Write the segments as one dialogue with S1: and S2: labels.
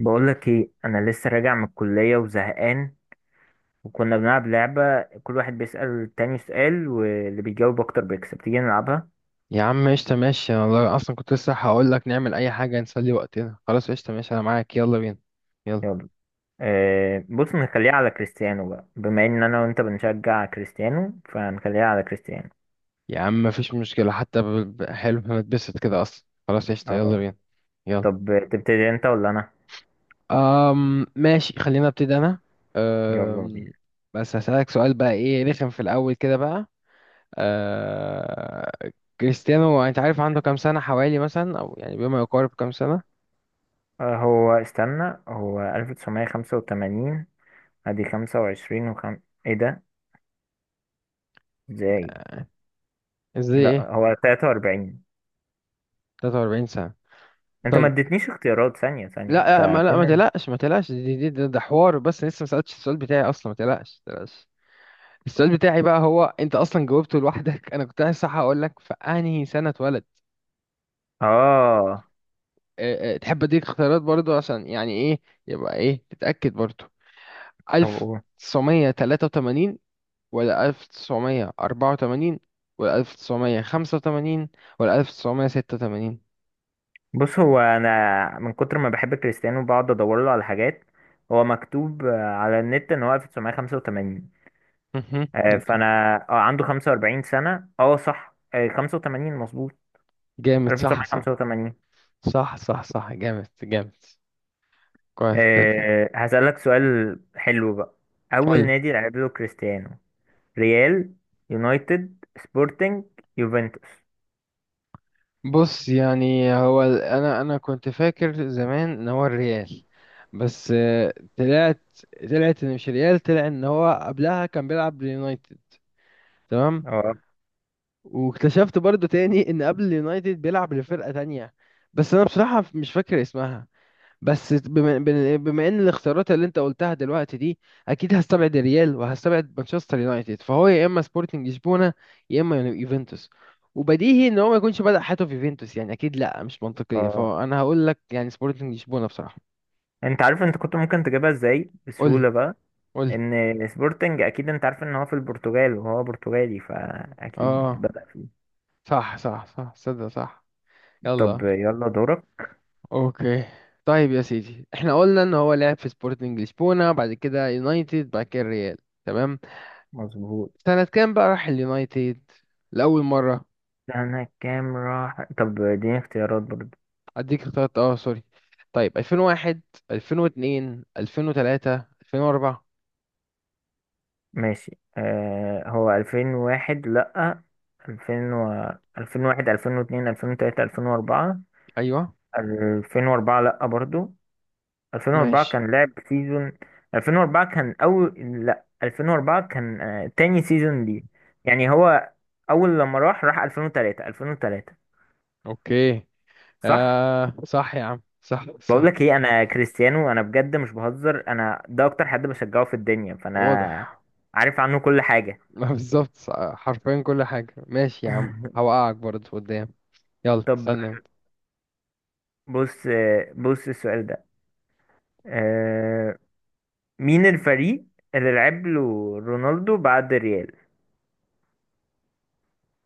S1: بقولك ايه، انا لسه راجع من الكلية وزهقان. وكنا بنلعب لعبة كل واحد بيسأل التاني سؤال واللي بيجاوب اكتر بيكسب. تيجي نلعبها؟
S2: يا عم قشطة، ماشي. انا والله اصلا كنت لسه هقول لك نعمل اي حاجة نسلي وقتنا. خلاص قشطة ماشي، انا معاك. يلا بينا. يلا.
S1: يلا. بص نخليها على كريستيانو بقى، بما ان انا وانت بنشجع كريستيانو فنخليها على كريستيانو.
S2: يا عم مفيش مشكلة حتى ب... حلو، انا اتبسط كده اصلا. خلاص قشطة، يلا
S1: اه،
S2: بينا. يلا.
S1: طب تبتدي انت ولا انا؟
S2: ماشي، خلينا ابتدي انا.
S1: يلا
S2: أم...
S1: بينا.
S2: بس هسألك سؤال بقى، ايه رخم في الاول كده بقى. أه... كريستيانو انت عارف عنده كام سنة حوالي مثلا، او يعني بما يقارب كام سنة؟
S1: هو استنى، هو 1985، ادي 25 ايه ده؟ ازاي؟
S2: ازاي ايه؟
S1: لا هو 43.
S2: 43 سنة؟
S1: انت ما
S2: طيب.
S1: اديتنيش اختيارات، ثانية ثانية
S2: لا آه،
S1: انت.
S2: ما تقلقش، ده حوار بس، لسه ما سألتش السؤال بتاعي اصلا. ما تقلقش. السؤال بتاعي بقى، هو انت اصلا جاوبته لوحدك. انا كنت عايز صح اقول لك في انهي سنة اتولد.
S1: اه،
S2: أه أه، تحب اديك اختيارات برضو عشان يعني ايه، يبقى ايه تتأكد برضو؟
S1: طب قول.
S2: 1983 ولا 1984 ولا 1985 ولا 1986؟
S1: بص، هو انا من كتر ما بحب كريستيانو بقعد ادور له على حاجات. هو مكتوب على النت ان هو 1985. فانا اه، عنده 45 سنة، اه صح، 85 مظبوط،
S2: جامد، صح صح.
S1: 1985.
S2: صح صح صح، جامد جامد. كويس تمام.
S1: هسألك سؤال حلو بقى. اول
S2: قول.
S1: نادي لعب له كريستيانو؟ ريال، يونايتد، سبورتنج، يوفنتوس.
S2: بص يعني هو انا كنت فاكر زمان ان هو الريال، بس آه، طلعت ان مش ريال، طلع ان هو قبلها كان بيلعب ليونايتد، تمام.
S1: اه.
S2: واكتشفت برضو تاني ان قبل اليونايتد بيلعب لفرقة تانية، بس انا بصراحة مش فاكر اسمها. بس بما ان الاختيارات اللي انت قلتها دلوقتي دي، اكيد هستبعد الريال وهستبعد مانشستر يونايتد. فهو يا اما سبورتنج لشبونه يا اما يوفنتوس. وبديهي ان هو ما يكونش بدأ حياته في يوفنتوس يعني، اكيد لا مش منطقيه.
S1: اه،
S2: فانا هقول لك يعني سبورتنج لشبونه بصراحه.
S1: انت عارف انت كنت ممكن تجيبها ازاي
S2: قول لي،
S1: بسهولة بقى؟
S2: قول لي.
S1: ان سبورتنج، اكيد انت عارف ان هو في البرتغال وهو برتغالي فاكيد
S2: اه
S1: بدأ فيه.
S2: صح صح صح، صدق، صح.
S1: طب
S2: يلا.
S1: يلا دورك.
S2: اوكي. طيب يا سيدي، احنا قلنا ان هو لعب في سبورتنج لشبونه، بعد كده يونايتد، بعد كده الريال، تمام.
S1: مظبوط.
S2: سنة كام بقى راح اليونايتد لأول مرة؟
S1: سنة كام راح؟ طب اديني اختيارات برضه.
S2: اديك اختيارات، اه سوري. طيب 2001، 2002، 2003، 2004.
S1: ماشي، هو 2001 لأ، 2000 2001، 2002، 2003، 2004.
S2: ايوه.
S1: 2004 لأ برضه. 2004
S2: ماشي.
S1: كان لعب سيزون، 2004 كان أول، لأ 2004 كان تاني سيزون ليه، يعني هو أول لما راح، راح 2003، 2003.
S2: اوكي.
S1: صح.
S2: آه صح يا عم، صح
S1: بقول
S2: صح.
S1: لك ايه، انا كريستيانو انا بجد مش بهزر، انا ده اكتر حد بشجعه في الدنيا، فانا
S2: واضح.
S1: عارف عنه كل حاجة.
S2: ما بالظبط صح، حرفيا كل حاجة. ماشي يا عم، هوقعك برضه قدام. يلا
S1: طب
S2: استنى.
S1: بص بص، السؤال ده آه، مين الفريق اللي لعب له رونالدو بعد ريال؟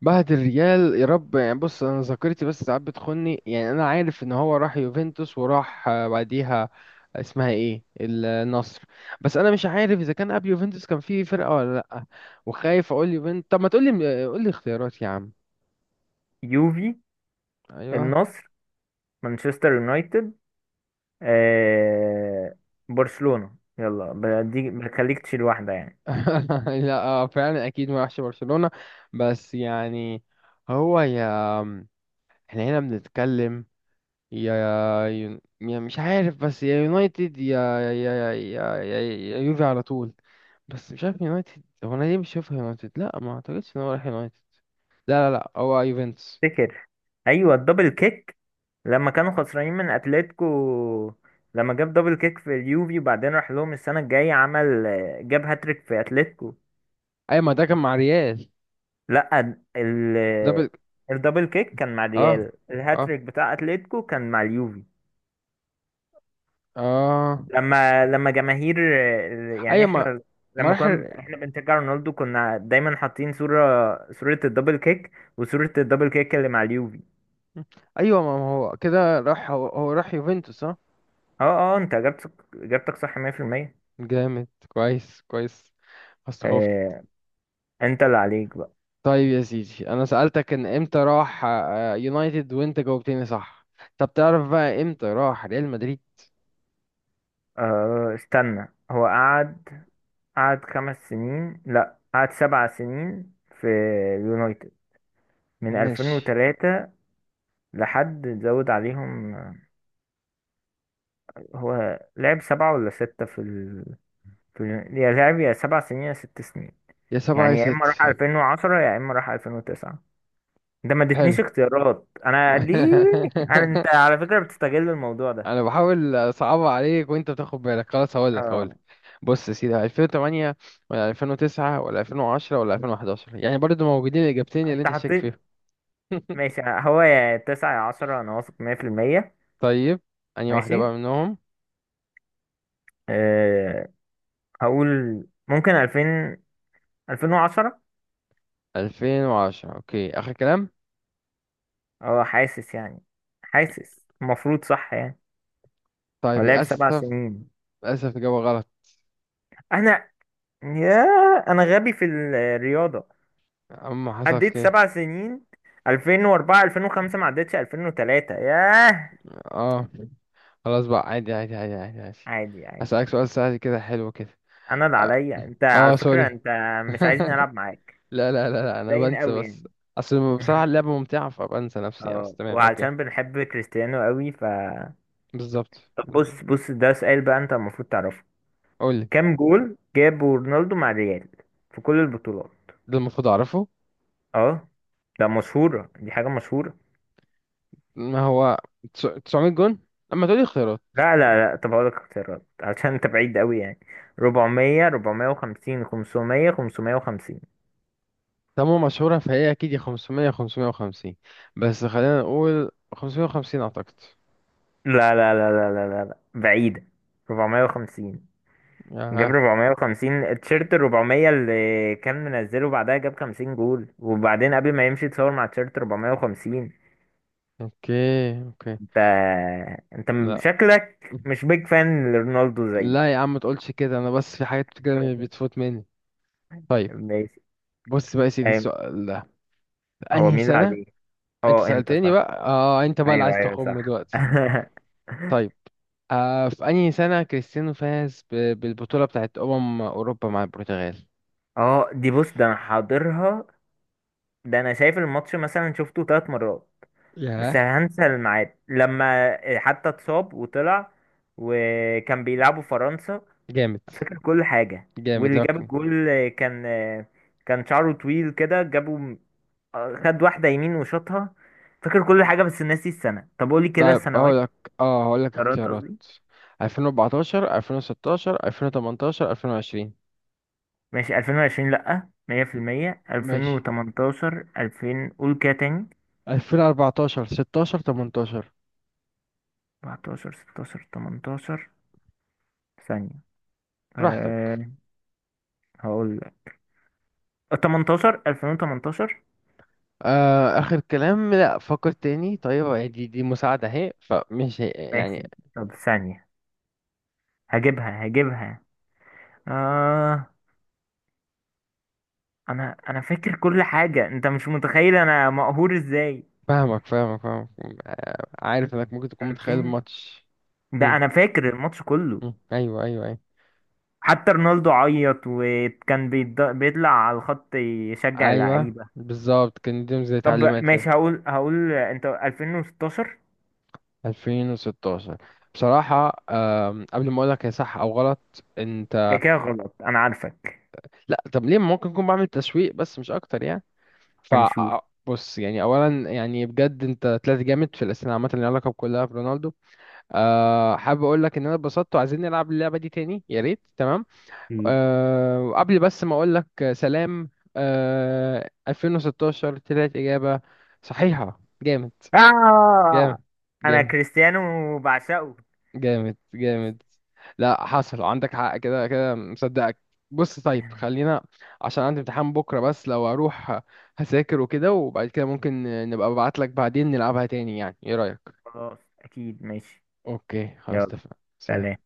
S2: بعد الريال يا رب. يعني بص، انا ذاكرتي بس ساعات بتخني يعني. انا عارف ان هو راح يوفنتوس وراح آه، بعديها اسمها ايه، النصر. بس انا مش عارف اذا كان قبل يوفنتوس كان في فرقة ولا لا. وخايف اقول يوفنتوس. طب ما تقول لي، قول لي اختيارات يا عم.
S1: يوفي،
S2: ايوه.
S1: النصر، مانشستر يونايتد، آه، برشلونة. يلا بدي بخليك تشيل واحدة يعني.
S2: لا آه، فعلا اكيد ما راحش برشلونة. بس يعني هو يا، احنا هنا بنتكلم يا مش عارف. بس يا يونايتد يا يا يوفي على طول. بس مش عارف يونايتد، هو انا ليه مش شايفها يونايتد؟ لا ما اعتقدش ان هو راح يونايتد، لا، هو يوفنتوس.
S1: افتكر، ايوه الدبل كيك. لما كانوا خسرانين من اتلتيكو، لما جاب دبل كيك في اليوفي وبعدين راح لهم السنه الجايه عمل، جاب هاتريك في اتلتيكو.
S2: ايوه، ما ده كان مع ريال.
S1: لا، ال
S2: ده بال...
S1: الدبل كيك كان مع
S2: اه
S1: الريال،
S2: اه
S1: الهاتريك بتاع اتلتيكو كان مع اليوفي.
S2: اه
S1: لما جماهير، يعني
S2: ايوه ما
S1: احنا،
S2: ما
S1: لما
S2: راح
S1: كنا
S2: ال-
S1: احنا بنشجع رونالدو كنا دايما حاطين صوره الدبل كيك، وصوره الدبل كيك اللي مع اليوفي.
S2: ايوه، ما ما هو كده، هو راح يوفنتوس، اه.
S1: اه اه، انت اجابتك صح 100%.
S2: جامد، كويس كويس. بس خفت.
S1: انت اللي عليك بقى.
S2: طيب يا سيدي، انا سألتك ان امتى راح آه، يونايتد وانت جاوبتني صح. طب تعرف بقى امتى راح ريال مدريد؟
S1: استنى، هو قعد خمس سنين، لا قعد سبع سنين، في اليونايتد، من
S2: ماشي.
S1: 2003 لحد زود عليهم هو لعب سبعة ولا ستة في ال... في ال... يا لعب يا سبع سنين يا ست سنين،
S2: يا سبعة يا
S1: يعني يا إما
S2: ست.
S1: راح 2010 يا إما راح 2009. ده ما
S2: حلو.
S1: ادتنيش اختيارات أنا ليه. أنت على فكرة بتستغل الموضوع ده.
S2: انا بحاول اصعبها عليك وانت بتاخد بالك. خلاص هقول لك، هقول
S1: اه،
S2: لك بص يا سيدي، 2008 ولا 2009 ولا 2010 ولا 2011؟ يعني برضو موجودين الاجابتين اللي
S1: أنت
S2: انت شاك فيهم.
S1: حطيت. ماشي، هو يا تسعة يا عشرة، أنا واثق مية في المية.
S2: طيب، انهي واحده بقى
S1: ماشي،
S2: منهم؟
S1: أه هقول ممكن ألفين، ألفين وعشرة.
S2: 2010 اوكي، اخر كلام؟
S1: اه، حاسس يعني، حاسس المفروض صح يعني.
S2: طيب
S1: ولا هي بسبع
S2: للاسف،
S1: سنين؟
S2: للاسف اجابه غلط.
S1: أنا يا، أنا غبي في الرياضة،
S2: اما حصل
S1: عديت
S2: كده.
S1: سبع سنين، ألفين وأربعة، ألفين وخمسة، ما عدتش ألفين وتلاتة، ياه.
S2: اه خلاص بقى، عادي.
S1: عادي عادي
S2: هسألك
S1: عادي.
S2: سؤال سهل كده، حلو كده.
S1: أنا اللي
S2: اه
S1: عليا أنت، على
S2: آه،
S1: فكرة
S2: سوري.
S1: أنت مش عايزني ألعب معاك،
S2: لا، انا
S1: باين
S2: بنسى
S1: أوي يعني.
S2: بس. اصل بصراحة اللعبة ممتعة فبنسى نفسي يعني. بس
S1: اه،
S2: تمام، اوكي.
S1: وعلشان بنحب كريستيانو أوي ف،
S2: بالظبط.
S1: طب بص بص، ده سؤال بقى أنت المفروض تعرفه.
S2: قول لي.
S1: كام جول جابه رونالدو مع الريال، في كل البطولات؟
S2: ده المفروض اعرفه.
S1: اه، ده مشهورة، دي حاجة مشهورة.
S2: ما هو 900 جون. اما تقولي خيارات.
S1: لا لا لا، طب هقولك اختيارات عشان انت بعيد قوي يعني. 400، 450، 500، 550.
S2: تمام مشهورة فهي، اكيد يا 500 يا 550. بس خلينا نقول 550 اعتقد.
S1: لا لا لا لا لا لا لا، بعيدة. 450. جاب
S2: اه.
S1: 450 تيشيرت، 400 اللي كان منزله، بعدها جاب 50 جول، وبعدين قبل ما يمشي اتصور مع تيشيرت 450.
S2: اوكي، اوكي.
S1: انت،
S2: لا
S1: شكلك مش بيج فان لرونالدو زيي.
S2: لا يا عم ما تقولش كده، انا بس في حاجات كده بتفوت مني. طيب
S1: ماشي.
S2: بص بقى يا سيدي
S1: أيوة.
S2: السؤال ده،
S1: هو
S2: انهي
S1: مين اللي
S2: سنة.
S1: عليه؟
S2: انت
S1: اه، انت
S2: سألتني
S1: صح.
S2: بقى اه، انت بقى اللي
S1: ايوه
S2: عايز
S1: ايوه
S2: تخم
S1: صح.
S2: دلوقتي. طيب آه، في أنهي سنة كريستيانو فاز بالبطولة بتاعت أمم أوروبا مع البرتغال؟
S1: اه دي، بص ده انا حاضرها، ده انا شايف الماتش مثلا شفته ثلاث مرات، بس
S2: ياه.
S1: هنسى الميعاد، لما حتى اتصاب وطلع، وكان بيلعبوا فرنسا.
S2: جامد
S1: فاكر كل حاجة،
S2: جامد
S1: واللي جاب
S2: لكن.
S1: الجول كان، كان شعره طويل كده جابه، خد واحدة يمين وشاطها. فاكر كل حاجة بس ناسي السنة. طب قولي كده
S2: طيب
S1: السنوات،
S2: هقول لك، اه هقول لك
S1: قرارات،
S2: اختيارات.
S1: قصدي.
S2: 2014، 2016، 2018، 2020.
S1: ماشي، 2020 لأ 100%،
S2: ماشي.
S1: 2018، 2000، قول كده تاني.
S2: 2014، 16، 18.
S1: 14، 16، 18. ثانية.
S2: براحتك.
S1: أه هقول لك 18، 2018.
S2: آه آخر كلام؟ لا فكر تاني، طيب دي مساعدة اهي، فمش يعني.
S1: ماشي، طب ثانية، هجيبها هجيبها. آه أنا فاكر كل حاجة، أنت مش متخيل أنا مقهور إزاي.
S2: فاهمك، فاهمك. آه عارف انك ممكن تكون متخيل
S1: 2000،
S2: الماتش.
S1: ده
S2: مم،
S1: أنا فاكر الماتش كله،
S2: ايوه ايوه، أيوه.
S1: حتى رونالدو عيط وكان بيطلع على الخط يشجع
S2: ايوه
S1: اللعيبة.
S2: بالظبط، كان ليهم زي
S1: طب
S2: تعليمات كده.
S1: ماشي، هقول انت 2016.
S2: 2016؟ بصراحة قبل ما اقولك هي صح او غلط
S1: ده
S2: انت.
S1: كده غلط انا عارفك.
S2: لا طب ليه، ممكن اكون بعمل تسويق بس مش اكتر يعني. ف،
S1: هنشوف.
S2: بص يعني اولا يعني بجد انت طلعت جامد في الاسئله، عامه اللي ليها علاقه كلها برونالدو. أه حابب اقول لك ان انا اتبسطت، وعايزين نلعب اللعبه دي تاني يا ريت، تمام. أه وقبل بس ما اقول لك سلام، أه 2016 طلعت اجابه صحيحه، جامد.
S1: آه
S2: جامد
S1: انا
S2: جامد
S1: كريستيانو وبعشقه.
S2: جامد
S1: ماشي.
S2: جامد. لا حصل عندك حق، كده كده مصدقك. بص طيب خلينا، عشان عندي امتحان بكرة. بس لو اروح هذاكر وكده، وبعد كده ممكن نبقى ابعت لك بعدين نلعبها تاني، يعني ايه رأيك؟
S1: خلاص اكيد ماشي.
S2: اوكي خلاص،
S1: يلا.
S2: اتفقنا. سلام.
S1: سلام.